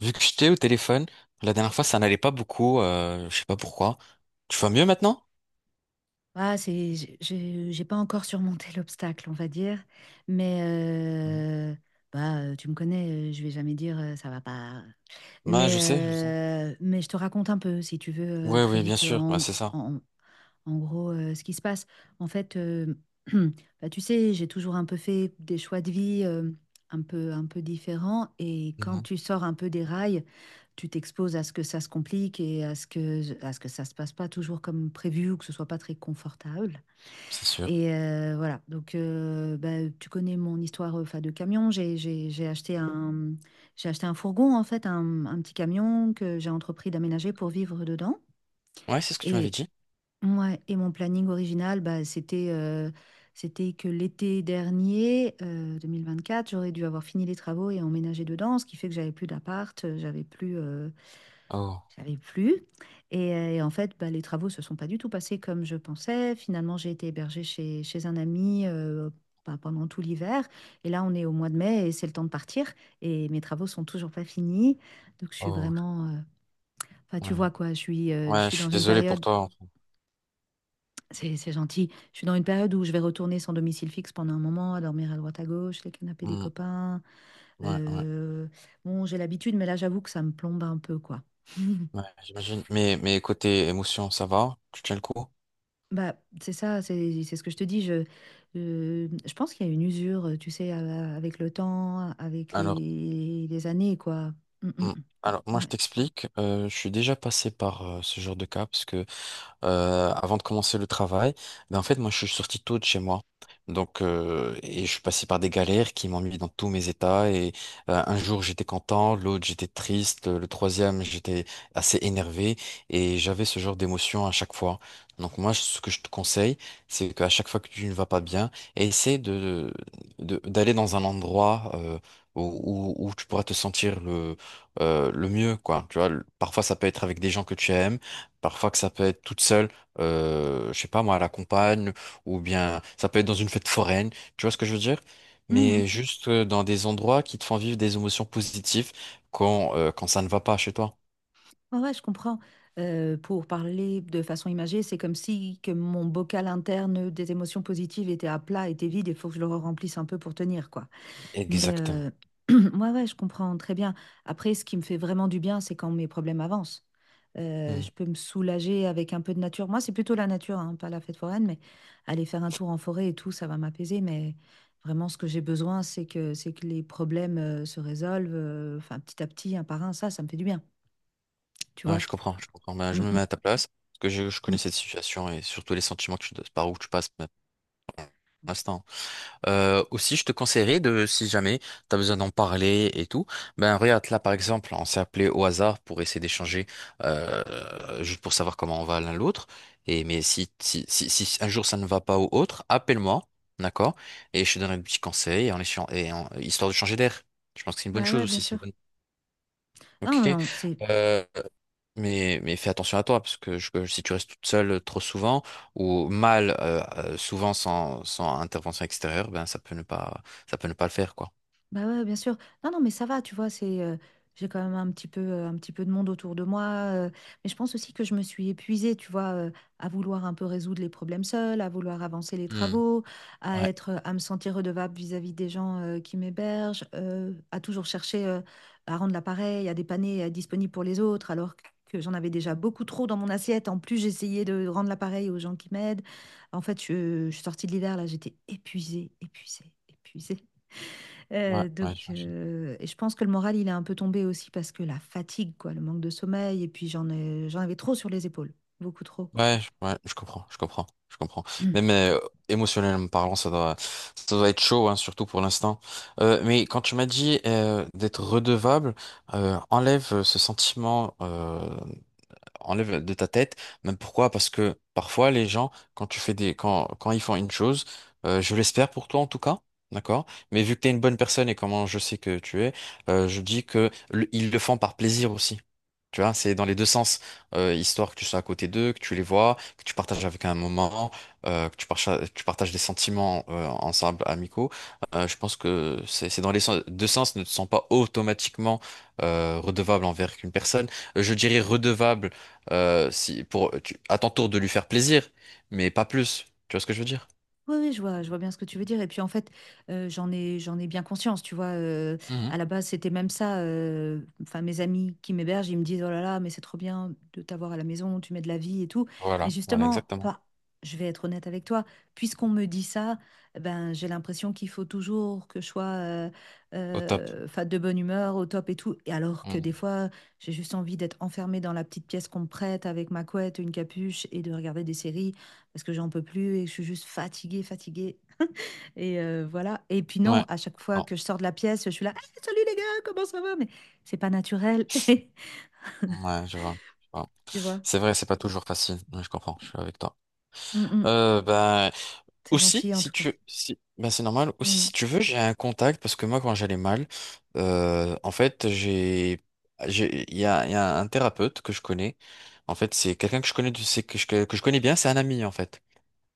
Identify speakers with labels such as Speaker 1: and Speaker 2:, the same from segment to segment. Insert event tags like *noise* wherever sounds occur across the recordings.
Speaker 1: Vu que j'étais au téléphone, la dernière fois, ça n'allait pas beaucoup, je sais pas pourquoi. Tu vas mieux maintenant?
Speaker 2: J'ai pas encore surmonté *laughs* l'obstacle, on va dire. Mais
Speaker 1: Mhm.
Speaker 2: euh, bah, tu me connais, je vais jamais dire ça va pas.
Speaker 1: Ouais, je
Speaker 2: Mais,
Speaker 1: sais, je sais.
Speaker 2: mais je te raconte un peu, si tu veux,
Speaker 1: Ouais,
Speaker 2: très
Speaker 1: oui, bien
Speaker 2: vite,
Speaker 1: sûr, ouais, c'est ça.
Speaker 2: en- en gros, ce qui se passe. En fait, *clears throat* bah, tu sais, j'ai toujours un peu fait des choix de vie un peu différents. Et quand
Speaker 1: Mhm.
Speaker 2: tu sors un peu des rails, tu t'exposes à ce que ça se complique et à ce que ça se passe pas toujours comme prévu ou que ce soit pas très confortable.
Speaker 1: C'est sûr.
Speaker 2: Et voilà, donc bah, tu connais mon histoire enfin, de camion. J'ai acheté un fourgon, en fait, un petit camion que j'ai entrepris d'aménager pour vivre dedans.
Speaker 1: Ouais, c'est ce que tu m'avais
Speaker 2: Et,
Speaker 1: dit.
Speaker 2: ouais, et mon planning original, bah, c'était c'était que l'été dernier, 2024, j'aurais dû avoir fini les travaux et emménager dedans, ce qui fait que j'avais plus d'appart, j'avais plus,
Speaker 1: Oh,
Speaker 2: j'avais plus. Et en fait, bah, les travaux se sont pas du tout passés comme je pensais. Finalement, j'ai été hébergée chez, chez un ami bah, pendant tout l'hiver. Et là, on est au mois de mai et c'est le temps de partir. Et mes travaux sont toujours pas finis. Donc, je suis
Speaker 1: oh,
Speaker 2: vraiment, enfin,
Speaker 1: ouais.
Speaker 2: tu vois quoi, je
Speaker 1: Ouais,
Speaker 2: suis
Speaker 1: je
Speaker 2: dans
Speaker 1: suis
Speaker 2: une
Speaker 1: désolé pour
Speaker 2: période...
Speaker 1: toi, en fait.
Speaker 2: C'est gentil. Je suis dans une période où je vais retourner sans domicile fixe pendant un moment, à dormir à droite à gauche, les canapés des
Speaker 1: Mm.
Speaker 2: copains.
Speaker 1: Ouais, ouais,
Speaker 2: Euh, Bon, j'ai l'habitude, mais là, j'avoue que ça me plombe un peu, quoi.
Speaker 1: ouais, j'imagine. Mais côté émotion, ça va? Tu tiens le coup?
Speaker 2: Bah, c'est ça, c'est ce que je te dis. Je pense qu'il y a une usure, tu sais, avec le temps, avec
Speaker 1: Alors,
Speaker 2: les années, quoi. Mm, mm,
Speaker 1: mm, alors moi,
Speaker 2: mm,
Speaker 1: je
Speaker 2: ouais.
Speaker 1: t'explique. Je suis déjà passé par ce genre de cas parce que avant de commencer le travail, ben en fait, moi, je suis sorti tôt de chez moi. Donc, et je suis passé par des galères qui m'ont mis dans tous mes états. Et un jour, j'étais content, l'autre, j'étais triste, le troisième, j'étais assez énervé. Et j'avais ce genre d'émotion à chaque fois. Donc, moi, ce que je te conseille, c'est qu'à chaque fois que tu ne vas pas bien, essaie de, d'aller dans un endroit où, où tu pourras te sentir le mieux, quoi. Tu vois, parfois, ça peut être avec des gens que tu aimes. Parfois que ça peut être toute seule, je sais pas moi, à la campagne, ou bien ça peut être dans une fête foraine, tu vois ce que je veux dire?
Speaker 2: Mhm.
Speaker 1: Mais juste dans des endroits qui te font vivre des émotions positives quand, quand ça ne va pas chez toi.
Speaker 2: Ouais, ouais, je comprends. Pour parler de façon imagée, c'est comme si que mon bocal interne des émotions positives était à plat, était vide, il faut que je le remplisse un peu pour tenir, quoi. Mais
Speaker 1: Exactement.
Speaker 2: *clears throat* ouais, ouais, je comprends très bien. Après, ce qui me fait vraiment du bien, c'est quand mes problèmes avancent.
Speaker 1: Hmm.
Speaker 2: Je peux me soulager avec un peu de nature. Moi, c'est plutôt la nature, hein, pas la fête foraine, mais aller faire un tour en forêt et tout, ça va m'apaiser. Mais vraiment, ce que j'ai besoin, c'est que les problèmes se résolvent, enfin, petit à petit, un par un. Ça me fait du bien, tu
Speaker 1: Ouais,
Speaker 2: vois.
Speaker 1: je comprends, je comprends. Ben, je
Speaker 2: Mm,
Speaker 1: me
Speaker 2: mm,
Speaker 1: mets à ta place, parce que je connais
Speaker 2: mm.
Speaker 1: cette situation et surtout les sentiments que tu, par où tu passes maintenant. Aussi, je te conseillerais de, si jamais tu as besoin d'en parler et tout, ben regarde là par exemple, on s'est appelé au hasard pour essayer d'échanger euh, juste pour savoir comment on va l'un l'autre. Et mais si, si, si, si un jour ça ne va pas ou autre, appelle-moi, d'accord? Et je te donnerai des petits conseils en histoire de changer d'air. Je pense que c'est une bonne
Speaker 2: Bah
Speaker 1: chose
Speaker 2: ouais, bien
Speaker 1: aussi, c'est une
Speaker 2: sûr.
Speaker 1: bonne.
Speaker 2: Non,
Speaker 1: Ok.
Speaker 2: non, c'est
Speaker 1: Euh, mais fais attention à toi, parce que que si tu restes toute seule trop souvent, ou mal souvent sans, sans intervention extérieure, ben ça peut ne pas, ça peut ne pas le faire, quoi.
Speaker 2: Bah ouais, bien sûr. Non, non, mais ça va, tu vois, c'est, j'ai quand même un petit peu de monde autour de moi. Mais je pense aussi que je me suis épuisée, tu vois, à vouloir un peu résoudre les problèmes seuls, à vouloir avancer les
Speaker 1: Hmm.
Speaker 2: travaux, à
Speaker 1: Ouais,
Speaker 2: être, à me sentir redevable vis-à-vis des gens, qui m'hébergent, à toujours chercher, à rendre l'appareil, à dépanner, à être disponible pour les autres, alors que j'en avais déjà beaucoup trop dans mon assiette. En plus, j'essayais de rendre l'appareil aux gens qui m'aident. En fait, je suis sortie de l'hiver, là, j'étais épuisée, épuisée, épuisée.
Speaker 1: ouais, ouais,
Speaker 2: Donc,
Speaker 1: j'imagine.
Speaker 2: et je pense que le moral, il est un peu tombé aussi parce que la fatigue, quoi, le manque de sommeil, et puis j'en avais trop sur les épaules, beaucoup trop.
Speaker 1: Ouais, ouais, je comprends, je comprends, je comprends.
Speaker 2: *clears throat*
Speaker 1: Mais émotionnellement parlant, ça doit être chaud, hein, surtout pour l'instant. Mais quand tu m'as dit d'être redevable, enlève ce sentiment. Enlève de ta tête. Même pourquoi? Parce que parfois les gens, quand tu fais des, quand, quand ils font une chose, je l'espère pour toi en tout cas, d'accord? Mais vu que tu es une bonne personne et comment je sais que tu es, je dis que ils le font par plaisir aussi. Tu vois, c'est dans les deux sens. Histoire que tu sois à côté d'eux, que tu les vois, que tu partages avec un moment, que tu partages des sentiments ensemble, amicaux. Je pense que c'est dans les deux sens, ne te sens pas automatiquement redevable envers une personne. Je dirais redevable si, pour, à ton tour de lui faire plaisir, mais pas plus. Tu vois ce que je veux dire?
Speaker 2: Oui, oui, je vois bien ce que tu veux dire. Et puis en fait, j'en ai bien conscience, tu vois.
Speaker 1: Mhm.
Speaker 2: À la base, c'était même ça. Enfin, mes amis qui m'hébergent, ils me disent, oh là là, mais c'est trop bien de t'avoir à la maison, tu mets de la vie et tout. Mais
Speaker 1: Voilà, voilà,
Speaker 2: justement,
Speaker 1: exactement.
Speaker 2: pas, je vais être honnête avec toi, puisqu'on me dit ça, eh ben, j'ai l'impression qu'il faut toujours que je sois
Speaker 1: Au top.
Speaker 2: 'fin, de bonne humeur, au top et tout. Et alors que des
Speaker 1: Mhm.
Speaker 2: fois, j'ai juste envie d'être enfermée dans la petite pièce qu'on me prête avec ma couette, une capuche et de regarder des séries parce que j'en peux plus et je suis juste fatiguée, fatiguée. Et voilà. Et puis non,
Speaker 1: Ouais.
Speaker 2: à chaque fois
Speaker 1: Bon.
Speaker 2: que je sors de la pièce, je suis là, hey, salut les gars, comment ça va? Mais c'est pas naturel, *laughs*
Speaker 1: Ouais, je vois, je vois.
Speaker 2: tu vois.
Speaker 1: C'est vrai, c'est pas toujours facile. Ouais, je comprends, je suis avec toi.
Speaker 2: Mm, mm.
Speaker 1: Ben,
Speaker 2: C'est
Speaker 1: aussi,
Speaker 2: gentil en
Speaker 1: si
Speaker 2: tout cas.
Speaker 1: tu, si, ben, c'est normal. Aussi,
Speaker 2: Mm.
Speaker 1: si tu veux, j'ai un contact parce que moi, quand j'allais mal, en fait, j'ai, il y a un thérapeute que je connais. En fait, c'est quelqu'un que je connais, c'est que je connais bien. C'est un ami, en fait.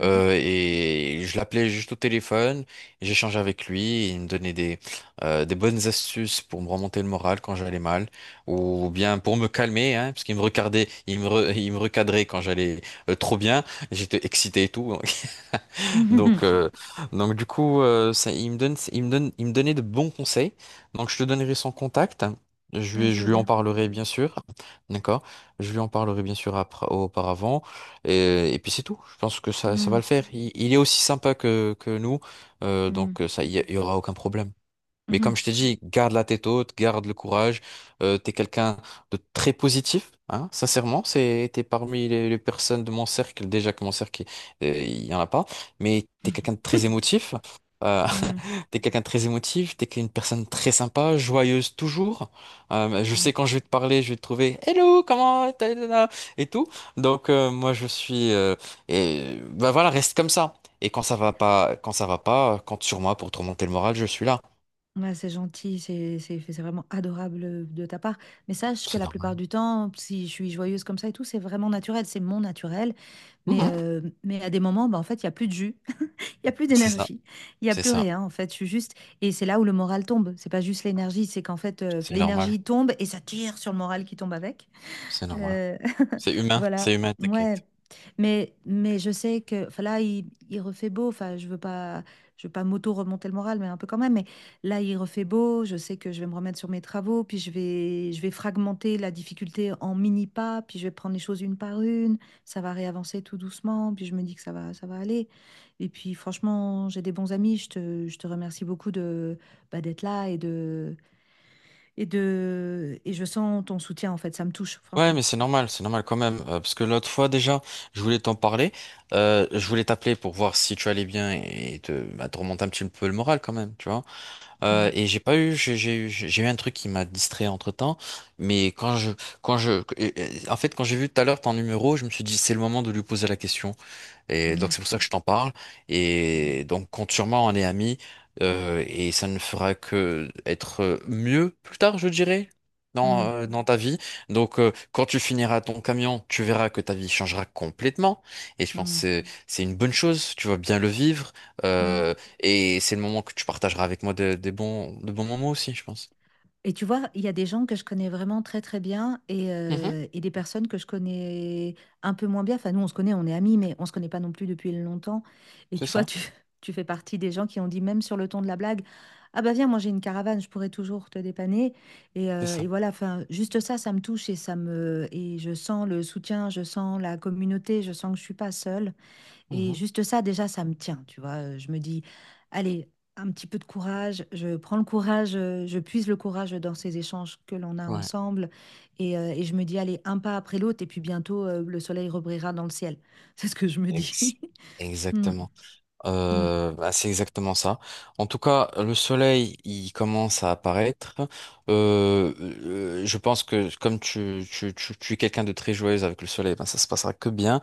Speaker 2: Mhm.
Speaker 1: Et je l'appelais juste au téléphone, et j'échangeais avec lui, et il me donnait des bonnes astuces pour me remonter le moral quand j'allais mal, ou bien pour me calmer, hein, parce qu'il me regardait, il me, *laughs* il me recadrait quand j'allais trop bien, j'étais excité et tout,
Speaker 2: Mhm.
Speaker 1: donc,
Speaker 2: *laughs*
Speaker 1: euh, donc du coup, ça, il me donne, il me donne, il me donnait de bons conseils. Donc, je te donnerai son contact.
Speaker 2: Ah, je
Speaker 1: Je
Speaker 2: veux
Speaker 1: lui en
Speaker 2: bien.
Speaker 1: parlerai bien sûr. D'accord? Je lui en parlerai bien sûr après, auparavant. Et puis c'est tout. Je pense que ça va le
Speaker 2: Mm,
Speaker 1: faire. Il est aussi sympa que nous.
Speaker 2: mm,
Speaker 1: Donc, ça, il y aura aucun problème. Mais comme
Speaker 2: mhm.
Speaker 1: je t'ai dit, garde la tête haute, garde le courage. T'es quelqu'un de très positif, hein, sincèrement. C'est, t'es parmi les personnes de mon cercle, déjà que mon cercle, il y en a pas, mais t'es quelqu'un de très
Speaker 2: *laughs*
Speaker 1: émotif. Euh,
Speaker 2: Mm,
Speaker 1: *laughs* t'es quelqu'un de très émotif, t'es une personne très sympa, joyeuse toujours. Je
Speaker 2: mm.
Speaker 1: sais quand je vais te parler, je vais te trouver Hello, comment t'as et tout. Donc moi je suis et bah voilà, reste comme ça. Et quand ça va pas, quand ça va pas, compte sur moi pour te remonter le moral, je suis là.
Speaker 2: Ouais, c'est gentil, c'est c'est vraiment adorable de ta part. Mais sache que
Speaker 1: C'est
Speaker 2: la
Speaker 1: normal.
Speaker 2: plupart du temps, si je suis joyeuse comme ça et tout, c'est vraiment naturel, c'est mon naturel.
Speaker 1: Mhm.
Speaker 2: Mais à des moments, bah, en fait, il n'y a plus de jus. Il y a plus
Speaker 1: C'est ça,
Speaker 2: d'énergie, il y a
Speaker 1: c'est
Speaker 2: plus
Speaker 1: ça,
Speaker 2: rien en fait. Je suis juste et c'est là où le moral tombe. C'est pas juste l'énergie, c'est qu'en fait
Speaker 1: c'est normal,
Speaker 2: l'énergie tombe et ça tire sur le moral qui tombe avec.
Speaker 1: c'est normal.
Speaker 2: Euh, *laughs* voilà,
Speaker 1: C'est humain,
Speaker 2: ouais.
Speaker 1: t'inquiète.
Speaker 2: Mais je sais que enfin, là, il refait beau. Je veux pas m'auto-remonter le moral, mais un peu quand même. Mais là, il refait beau. Je sais que je vais me remettre sur mes travaux. Puis je vais fragmenter la difficulté en mini pas. Puis je vais prendre les choses une par une. Ça va réavancer tout doucement. Puis je me dis que ça va aller. Et puis, franchement, j'ai des bons amis. Je te remercie beaucoup de, bah, d'être là et je sens ton soutien en fait. Ça me touche,
Speaker 1: Ouais,
Speaker 2: franchement.
Speaker 1: mais c'est normal quand même. Parce que l'autre fois déjà, je voulais t'en parler. Je voulais t'appeler pour voir si tu allais bien et te, bah, te remonter un petit peu le moral quand même, tu vois.
Speaker 2: Mm.
Speaker 1: Et j'ai pas eu, j'ai eu un truc qui m'a distrait entre-temps. Mais quand je, en fait, quand j'ai vu tout à l'heure ton numéro, je me suis dit c'est le moment de lui poser la question. Et donc
Speaker 2: Mhm,
Speaker 1: c'est pour ça que je t'en parle.
Speaker 2: mhm,
Speaker 1: Et donc compte sur moi, on est amis. Et ça ne fera que être mieux plus tard, je dirais, dans,
Speaker 2: mhm,
Speaker 1: dans ta vie. Donc quand tu finiras ton camion, tu verras que ta vie changera complètement. Et je pense que
Speaker 2: mhm,
Speaker 1: c'est une bonne chose, tu vas bien le vivre.
Speaker 2: mhm.
Speaker 1: euh, et c'est le moment que tu partageras avec moi des bons, de bons moments aussi, je pense.
Speaker 2: Et tu vois, il y a des gens que je connais vraiment très très bien
Speaker 1: Mhm,
Speaker 2: et des personnes que je connais un peu moins bien. Enfin, nous, on se connaît, on est amis, mais on se connaît pas non plus depuis longtemps. Et
Speaker 1: c'est
Speaker 2: tu vois,
Speaker 1: ça,
Speaker 2: *laughs* tu fais partie des gens qui ont dit, même sur le ton de la blague, ah bah viens, moi j'ai une caravane, je pourrais toujours te dépanner.
Speaker 1: c'est ça.
Speaker 2: Et voilà, enfin, juste ça, ça me touche et ça me et je sens le soutien, je sens la communauté, je sens que je suis pas seule. Et
Speaker 1: Mhm,
Speaker 2: juste ça, déjà, ça me tient, tu vois. Je me dis, allez, un petit peu de courage, je prends le courage, je puise le courage dans ces échanges que l'on a
Speaker 1: ouais.
Speaker 2: ensemble. Et je me dis, allez, un pas après l'autre, et puis bientôt, le soleil rebrillera dans le ciel. *laughs* C'est ce que je me dis.
Speaker 1: Ex-
Speaker 2: *laughs* Mm,
Speaker 1: Exactement.
Speaker 2: mm.
Speaker 1: Bah, c'est exactement ça. En tout cas, le soleil, il commence à apparaître. Je pense que comme tu es quelqu'un de très joyeux avec le soleil, ben ça se passera que bien.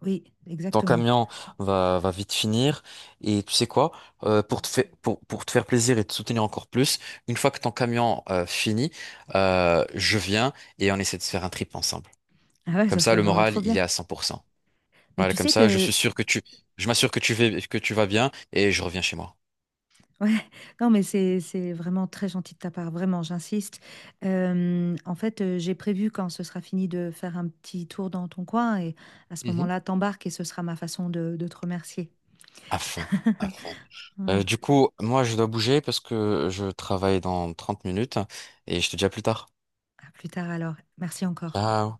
Speaker 2: Oui,
Speaker 1: Ton
Speaker 2: exactement.
Speaker 1: camion va, va vite finir. Et tu sais quoi? Pour te faire, pour te faire plaisir et te soutenir encore plus, une fois que ton camion finit, je viens et on essaie de se faire un trip ensemble.
Speaker 2: Ah ouais,
Speaker 1: Comme
Speaker 2: ça
Speaker 1: ça,
Speaker 2: serait
Speaker 1: le
Speaker 2: vraiment
Speaker 1: moral,
Speaker 2: trop
Speaker 1: il est
Speaker 2: bien.
Speaker 1: à 100%.
Speaker 2: Mais
Speaker 1: Voilà,
Speaker 2: tu
Speaker 1: comme
Speaker 2: sais
Speaker 1: ça, je suis
Speaker 2: que
Speaker 1: sûr que tu, je m'assure que tu vas bien et je reviens chez moi.
Speaker 2: Ouais, *laughs* non, mais c'est vraiment très gentil de ta part, vraiment, j'insiste. J'ai prévu quand ce sera fini de faire un petit tour dans ton coin et à ce
Speaker 1: Mhm.
Speaker 2: moment-là, t'embarques et ce sera ma façon de te remercier.
Speaker 1: À fond,
Speaker 2: *laughs*
Speaker 1: à fond.
Speaker 2: Ouais,
Speaker 1: Du coup, moi, je dois bouger parce que je travaille dans 30 minutes et je te dis à plus tard.
Speaker 2: à plus tard alors. Merci encore.
Speaker 1: Ciao.